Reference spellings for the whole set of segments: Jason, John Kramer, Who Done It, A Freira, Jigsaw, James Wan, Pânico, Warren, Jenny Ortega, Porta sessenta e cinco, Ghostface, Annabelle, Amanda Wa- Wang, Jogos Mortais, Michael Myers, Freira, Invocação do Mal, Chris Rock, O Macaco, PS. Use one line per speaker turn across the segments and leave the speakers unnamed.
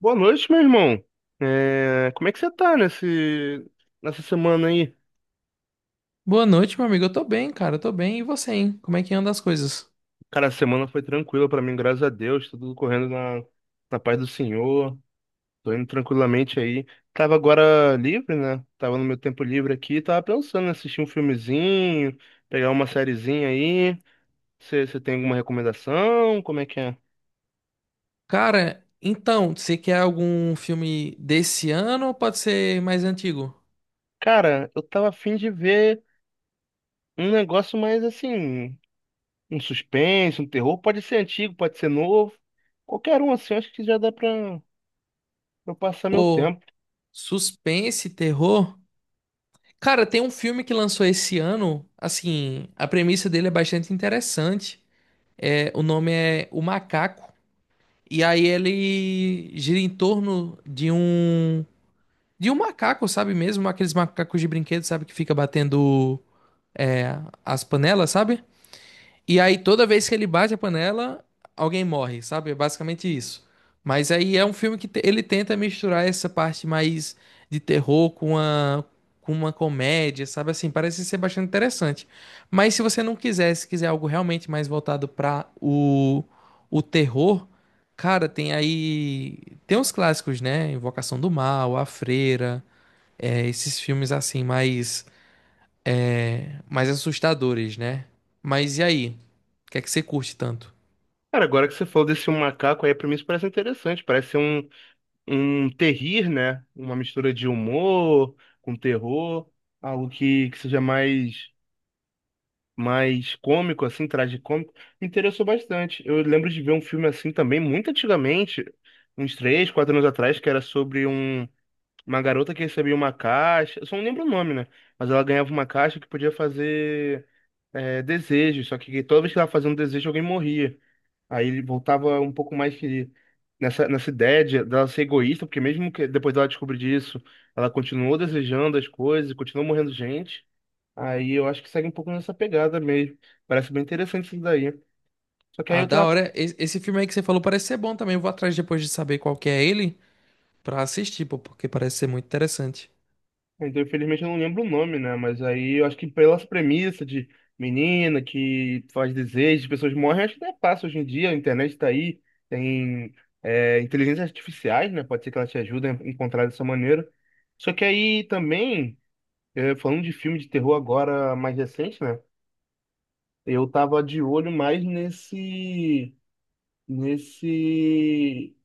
Boa noite, meu irmão. Como é que você tá nessa semana aí?
Boa noite, meu amigo. Eu tô bem, cara. Eu tô bem. E você, hein? Como é que anda as coisas?
Cara, a semana foi tranquila pra mim, graças a Deus. Tá tudo correndo na paz do Senhor. Tô indo tranquilamente aí. Tava agora livre, né? Tava no meu tempo livre aqui. Tava pensando em assistir um filmezinho, pegar uma sériezinha aí. Você tem alguma recomendação? Como é que é?
Cara, então, você quer algum filme desse ano ou pode ser mais antigo?
Cara, eu tava afim de ver um negócio mais assim. Um suspense, um terror, pode ser antigo, pode ser novo. Qualquer um assim, eu acho que já dá pra eu passar meu
Pô,
tempo.
suspense, terror? Cara, tem um filme que lançou esse ano. Assim, a premissa dele é bastante interessante. O nome é O Macaco. E aí ele gira em torno de um. De um macaco, sabe mesmo? Aqueles macacos de brinquedo, sabe? Que fica batendo é, as panelas, sabe? E aí, toda vez que ele bate a panela, alguém morre, sabe? É basicamente isso. Mas aí é um filme que ele tenta misturar essa parte mais de terror com uma comédia, sabe? Assim, parece ser bastante interessante. Mas se você não quiser, se quiser algo realmente mais voltado para o terror, cara, tem aí. Tem uns clássicos, né? Invocação do Mal, A Freira, esses filmes assim, mais mais assustadores, né? Mas e aí? O que é que você curte tanto?
Cara, agora que você falou desse um macaco aí, pra mim isso parece interessante. Parece ser um terrir, né? Uma mistura de humor com terror, algo que seja mais cômico, assim, tragicômico. Me interessou bastante. Eu lembro de ver um filme assim também, muito antigamente, uns três, quatro anos atrás, que era sobre um. Uma garota que recebia uma caixa, eu só não lembro o nome, né? Mas ela ganhava uma caixa que podia fazer desejos, só que toda vez que ela fazia um desejo, alguém morria. Aí ele voltava um pouco mais que nessa ideia de- dela ser egoísta, porque mesmo que depois dela descobrir disso, ela continuou desejando as coisas, e continuou morrendo gente. Aí eu acho que segue um pouco nessa pegada mesmo. Parece bem interessante isso daí. Só que aí
Ah,
eu
da
tava.
hora. Esse filme aí que você falou parece ser bom também. Eu vou atrás depois de saber qual que é ele pra assistir, pô, porque parece ser muito interessante.
Então, infelizmente, eu não lembro o nome, né? Mas aí eu acho que pelas premissas de menina que faz desejo, pessoas morrem, acho que não é fácil hoje em dia, a internet tá aí, tem inteligências artificiais, né? Pode ser que ela te ajude a encontrar dessa maneira. Só que aí também, falando de filme de terror agora mais recente, né? Eu tava de olho mais nesse...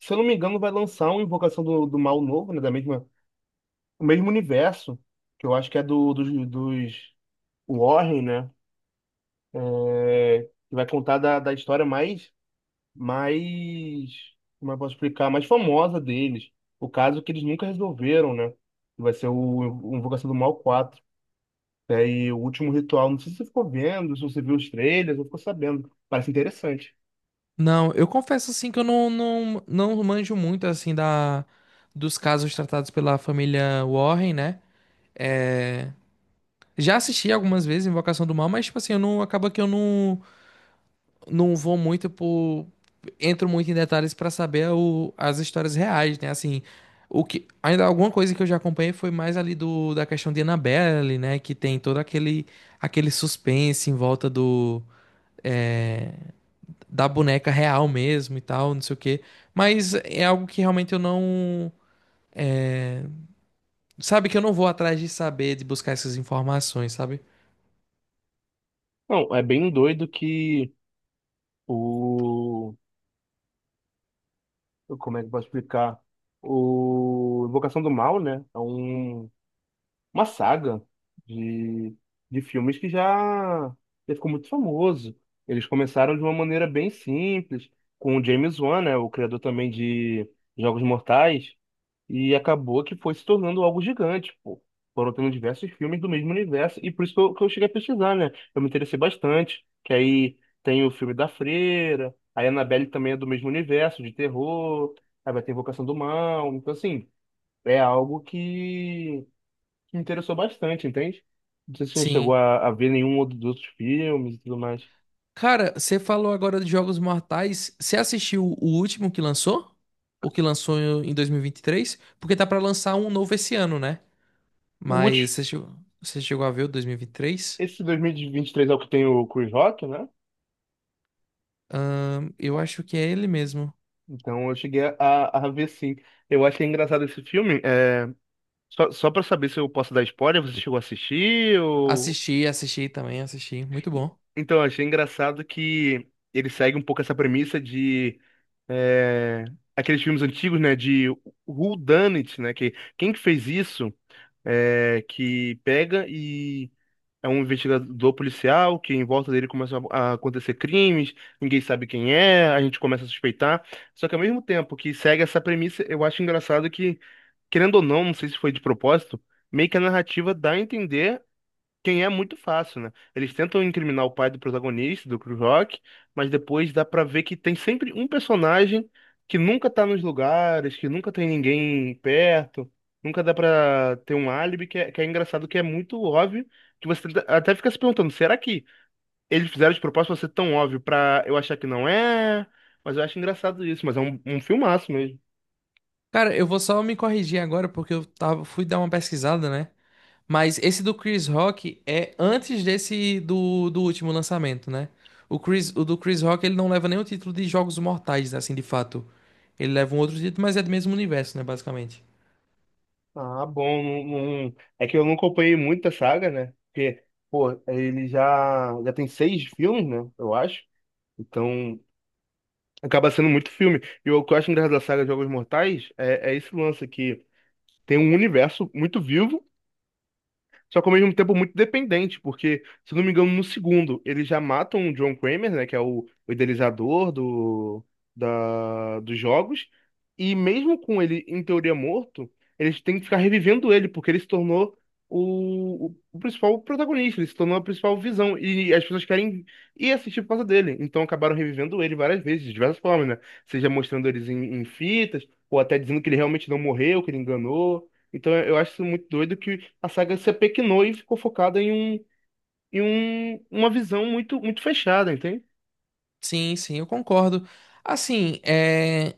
Se eu não me engano, vai lançar uma Invocação do Mal novo, né? Da mesma, o mesmo universo, que eu acho que é dos Warren, né? É, que vai contar da história mais, como eu posso explicar, mais famosa deles. O caso que eles nunca resolveram, né? Que vai ser o Invocação do Mal quatro, e o último ritual, não sei se você ficou vendo, se você viu os trailers, ou ficou sabendo. Parece interessante.
Não, eu confesso assim que eu não manjo muito assim da dos casos tratados pela família Warren, né? Já assisti algumas vezes Invocação do Mal, mas tipo assim, eu não acaba que eu não vou muito por. Entro muito em detalhes pra saber as histórias reais, né? Assim, o que. Ainda alguma coisa que eu já acompanhei foi mais ali da questão de Annabelle, né? Que tem todo aquele suspense em volta do. é, da boneca real mesmo e tal, não sei o quê. Mas é algo que realmente eu não. é, sabe que eu não vou atrás de saber, de buscar essas informações, sabe?
Não, é bem doido que o. Como é que eu posso explicar? O Invocação do Mal, né? É um uma saga de, de filmes que já ficou muito famoso. Eles começaram de uma maneira bem simples, com o James Wan, né, o criador também de Jogos Mortais, e acabou que foi se tornando algo gigante, pô. Foram tendo diversos filmes do mesmo universo, e por isso que eu cheguei a pesquisar, né? Eu me interessei bastante, que aí tem o filme da Freira, a Annabelle também é do mesmo universo, de terror, aí vai ter Invocação do Mal, então assim, é algo que me interessou bastante, entende? Não sei se você chegou
Sim.
a ver nenhum outro dos outros filmes e tudo mais.
Cara, você falou agora de Jogos Mortais. Você assistiu o último que lançou? O que lançou em dois mil e vinte e três? Porque tá pra lançar um novo esse ano, né?
O
Mas
último,
você chegou a ver o dois mil e vinte e três?
esse 2023 é o que tem o Chris Rock, né?
Eu acho que é ele mesmo.
Então eu cheguei a ver sim. Eu achei engraçado esse filme. É... só para saber se eu posso dar spoiler, você chegou a assistir ou...
Assisti. Muito bom.
Então, eu achei engraçado que ele segue um pouco essa premissa de é, aqueles filmes antigos, né? De Who Done It, né? Que, quem que fez isso? Que pega e é um investigador policial que em volta dele começam a acontecer crimes, ninguém sabe quem é, a gente começa a suspeitar. Só que ao mesmo tempo que segue essa premissa, eu acho engraçado que, querendo ou não, não sei se foi de propósito, meio que a narrativa dá a entender quem é muito fácil, né? Eles tentam incriminar o pai do protagonista, do Chris Rock, mas depois dá pra ver que tem sempre um personagem que nunca tá nos lugares, que nunca tem ninguém perto, nunca dá pra ter um álibi, que é engraçado, que é muito óbvio, que você tenta- até fica se perguntando, será que eles fizeram de propósito pra ser tão óbvio pra eu achar que não é? Mas eu acho engraçado isso, mas é um filmaço mesmo.
Cara, eu vou só me corrigir agora porque eu tava, fui dar uma pesquisada, né? Mas esse do Chris Rock é antes desse do último lançamento, né? O Chris, o do Chris Rock ele não leva nem o título de Jogos Mortais, assim, de fato. Ele leva um outro título, mas é do mesmo universo, né, basicamente.
Ah, bom. Não- não- é que eu não acompanhei muita saga, né? Porque, pô, ele já tem seis filmes, né? Eu acho. Então, acaba sendo muito filme. E o que eu acho engraçado da saga Jogos Mortais é esse lance que tem um universo muito vivo. Só que ao mesmo tempo muito dependente, porque, se não me engano, no segundo, eles já matam o John Kramer, né, que é o idealizador dos jogos, e mesmo com ele, em teoria, morto, eles têm que ficar revivendo ele, porque ele se tornou o principal protagonista, ele se tornou a principal visão, e as pessoas querem ir assistir por causa dele, então acabaram revivendo ele várias vezes, de diversas formas, né, seja mostrando eles em fitas, ou até dizendo que ele realmente não morreu, que ele enganou, então eu acho isso muito doido que a saga se apequenou e ficou focada uma visão muito fechada, entende?
Sim, sim, eu concordo. Assim, é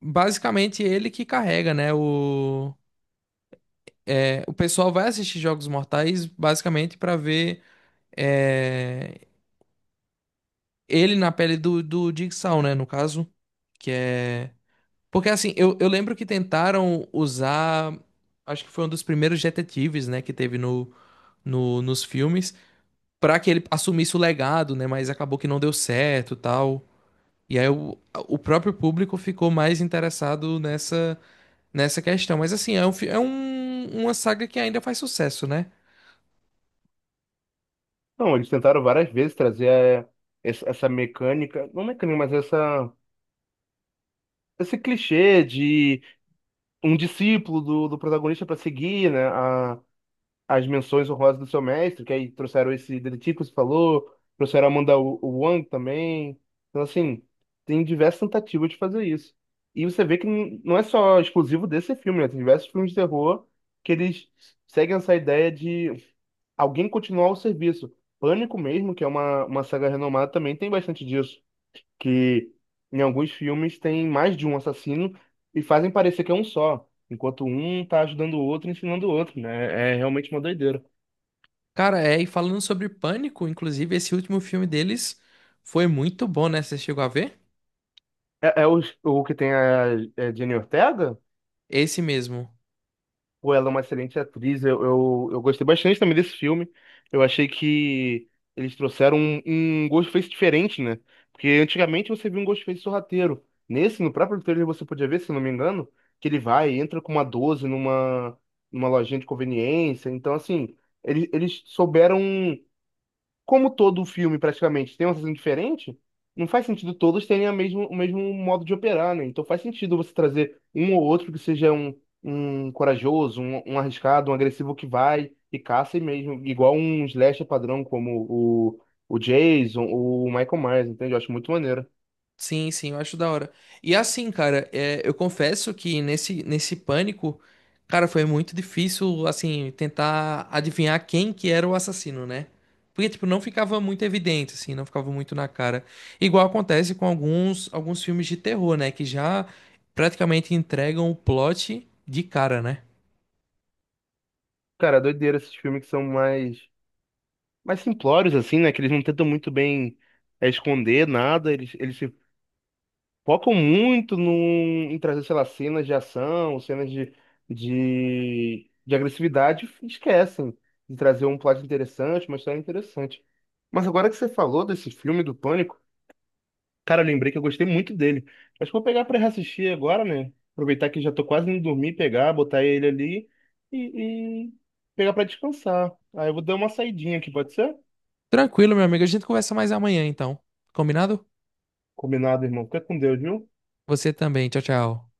basicamente ele que carrega, né? O, o pessoal vai assistir Jogos Mortais basicamente pra ver é, ele na pele do Jigsaw, né? No caso, que é Porque assim, eu lembro que tentaram usar. Acho que foi um dos primeiros detetives, né, que teve no, no, nos filmes, pra que ele assumisse o legado, né, mas acabou que não deu certo, tal. E aí o próprio público ficou mais interessado nessa questão. Mas assim, é, um, uma saga que ainda faz sucesso, né?
Não, eles tentaram várias vezes trazer essa mecânica, não mecânica, mas essa, esse clichê de um discípulo do protagonista para seguir, né, a, as menções honrosas do seu mestre, que aí trouxeram esse detetive que você falou, trouxeram a Amanda Wa- Wang também. Então, assim, tem diversas tentativas de fazer isso. E você vê que n- não é só exclusivo desse filme, né? Tem diversos filmes de terror que eles seguem essa ideia de alguém continuar o serviço. Pânico mesmo, que é uma saga renomada, também tem bastante disso. Que em alguns filmes tem mais de um assassino e fazem parecer que é um só. Enquanto um tá ajudando o outro, ensinando o outro, né? É realmente uma doideira.
Cara, é, e falando sobre Pânico, inclusive, esse último filme deles foi muito bom, né? Você chegou a ver?
É, é o que tem a, é Jenny Ortega?
Esse mesmo.
Pô, ela é uma excelente atriz. Eu gostei bastante também desse filme. Eu achei que eles trouxeram um Ghostface diferente, né? Porque antigamente você via um Ghostface sorrateiro. Nesse, no próprio trailer, você podia ver, se não me engano, que ele vai e entra com uma 12 numa lojinha de conveniência. Então, assim, eles souberam como todo filme praticamente tem uma sessão diferente, não faz sentido todos terem a mesmo, o mesmo modo de operar, né? Então faz sentido você trazer um ou outro que seja um corajoso, um arriscado, um agressivo que vai e caça e mesmo, igual um slasher padrão como o Jason, ou o Michael Myers, entende? Eu acho muito maneiro.
Sim, sim, eu acho da hora. E assim, cara, é, eu confesso que nesse pânico, cara, foi muito difícil, assim, tentar adivinhar quem que era o assassino, né? Porque, tipo, não ficava muito evidente, assim, não ficava muito na cara. Igual acontece com alguns filmes de terror, né? Que já praticamente entregam o plot de cara, né?
Cara, é doideira esses filmes que são mais simplórios, assim, né? Que eles não tentam muito bem esconder nada, eles se focam muito num, em trazer, sei lá, cenas de ação, cenas de agressividade, e esquecem de trazer um plot interessante, uma história interessante. Mas agora que você falou desse filme do Pânico, cara, eu lembrei que eu gostei muito dele. Acho que vou pegar pra reassistir agora, né? Aproveitar que já tô quase indo dormir, pegar, botar ele ali e pegar pra descansar. Aí eu vou dar uma saidinha aqui, pode ser?
Tranquilo, meu amigo, a gente conversa mais amanhã, então. Combinado?
Combinado, irmão. Fica com Deus, viu?
Você também, tchau, tchau.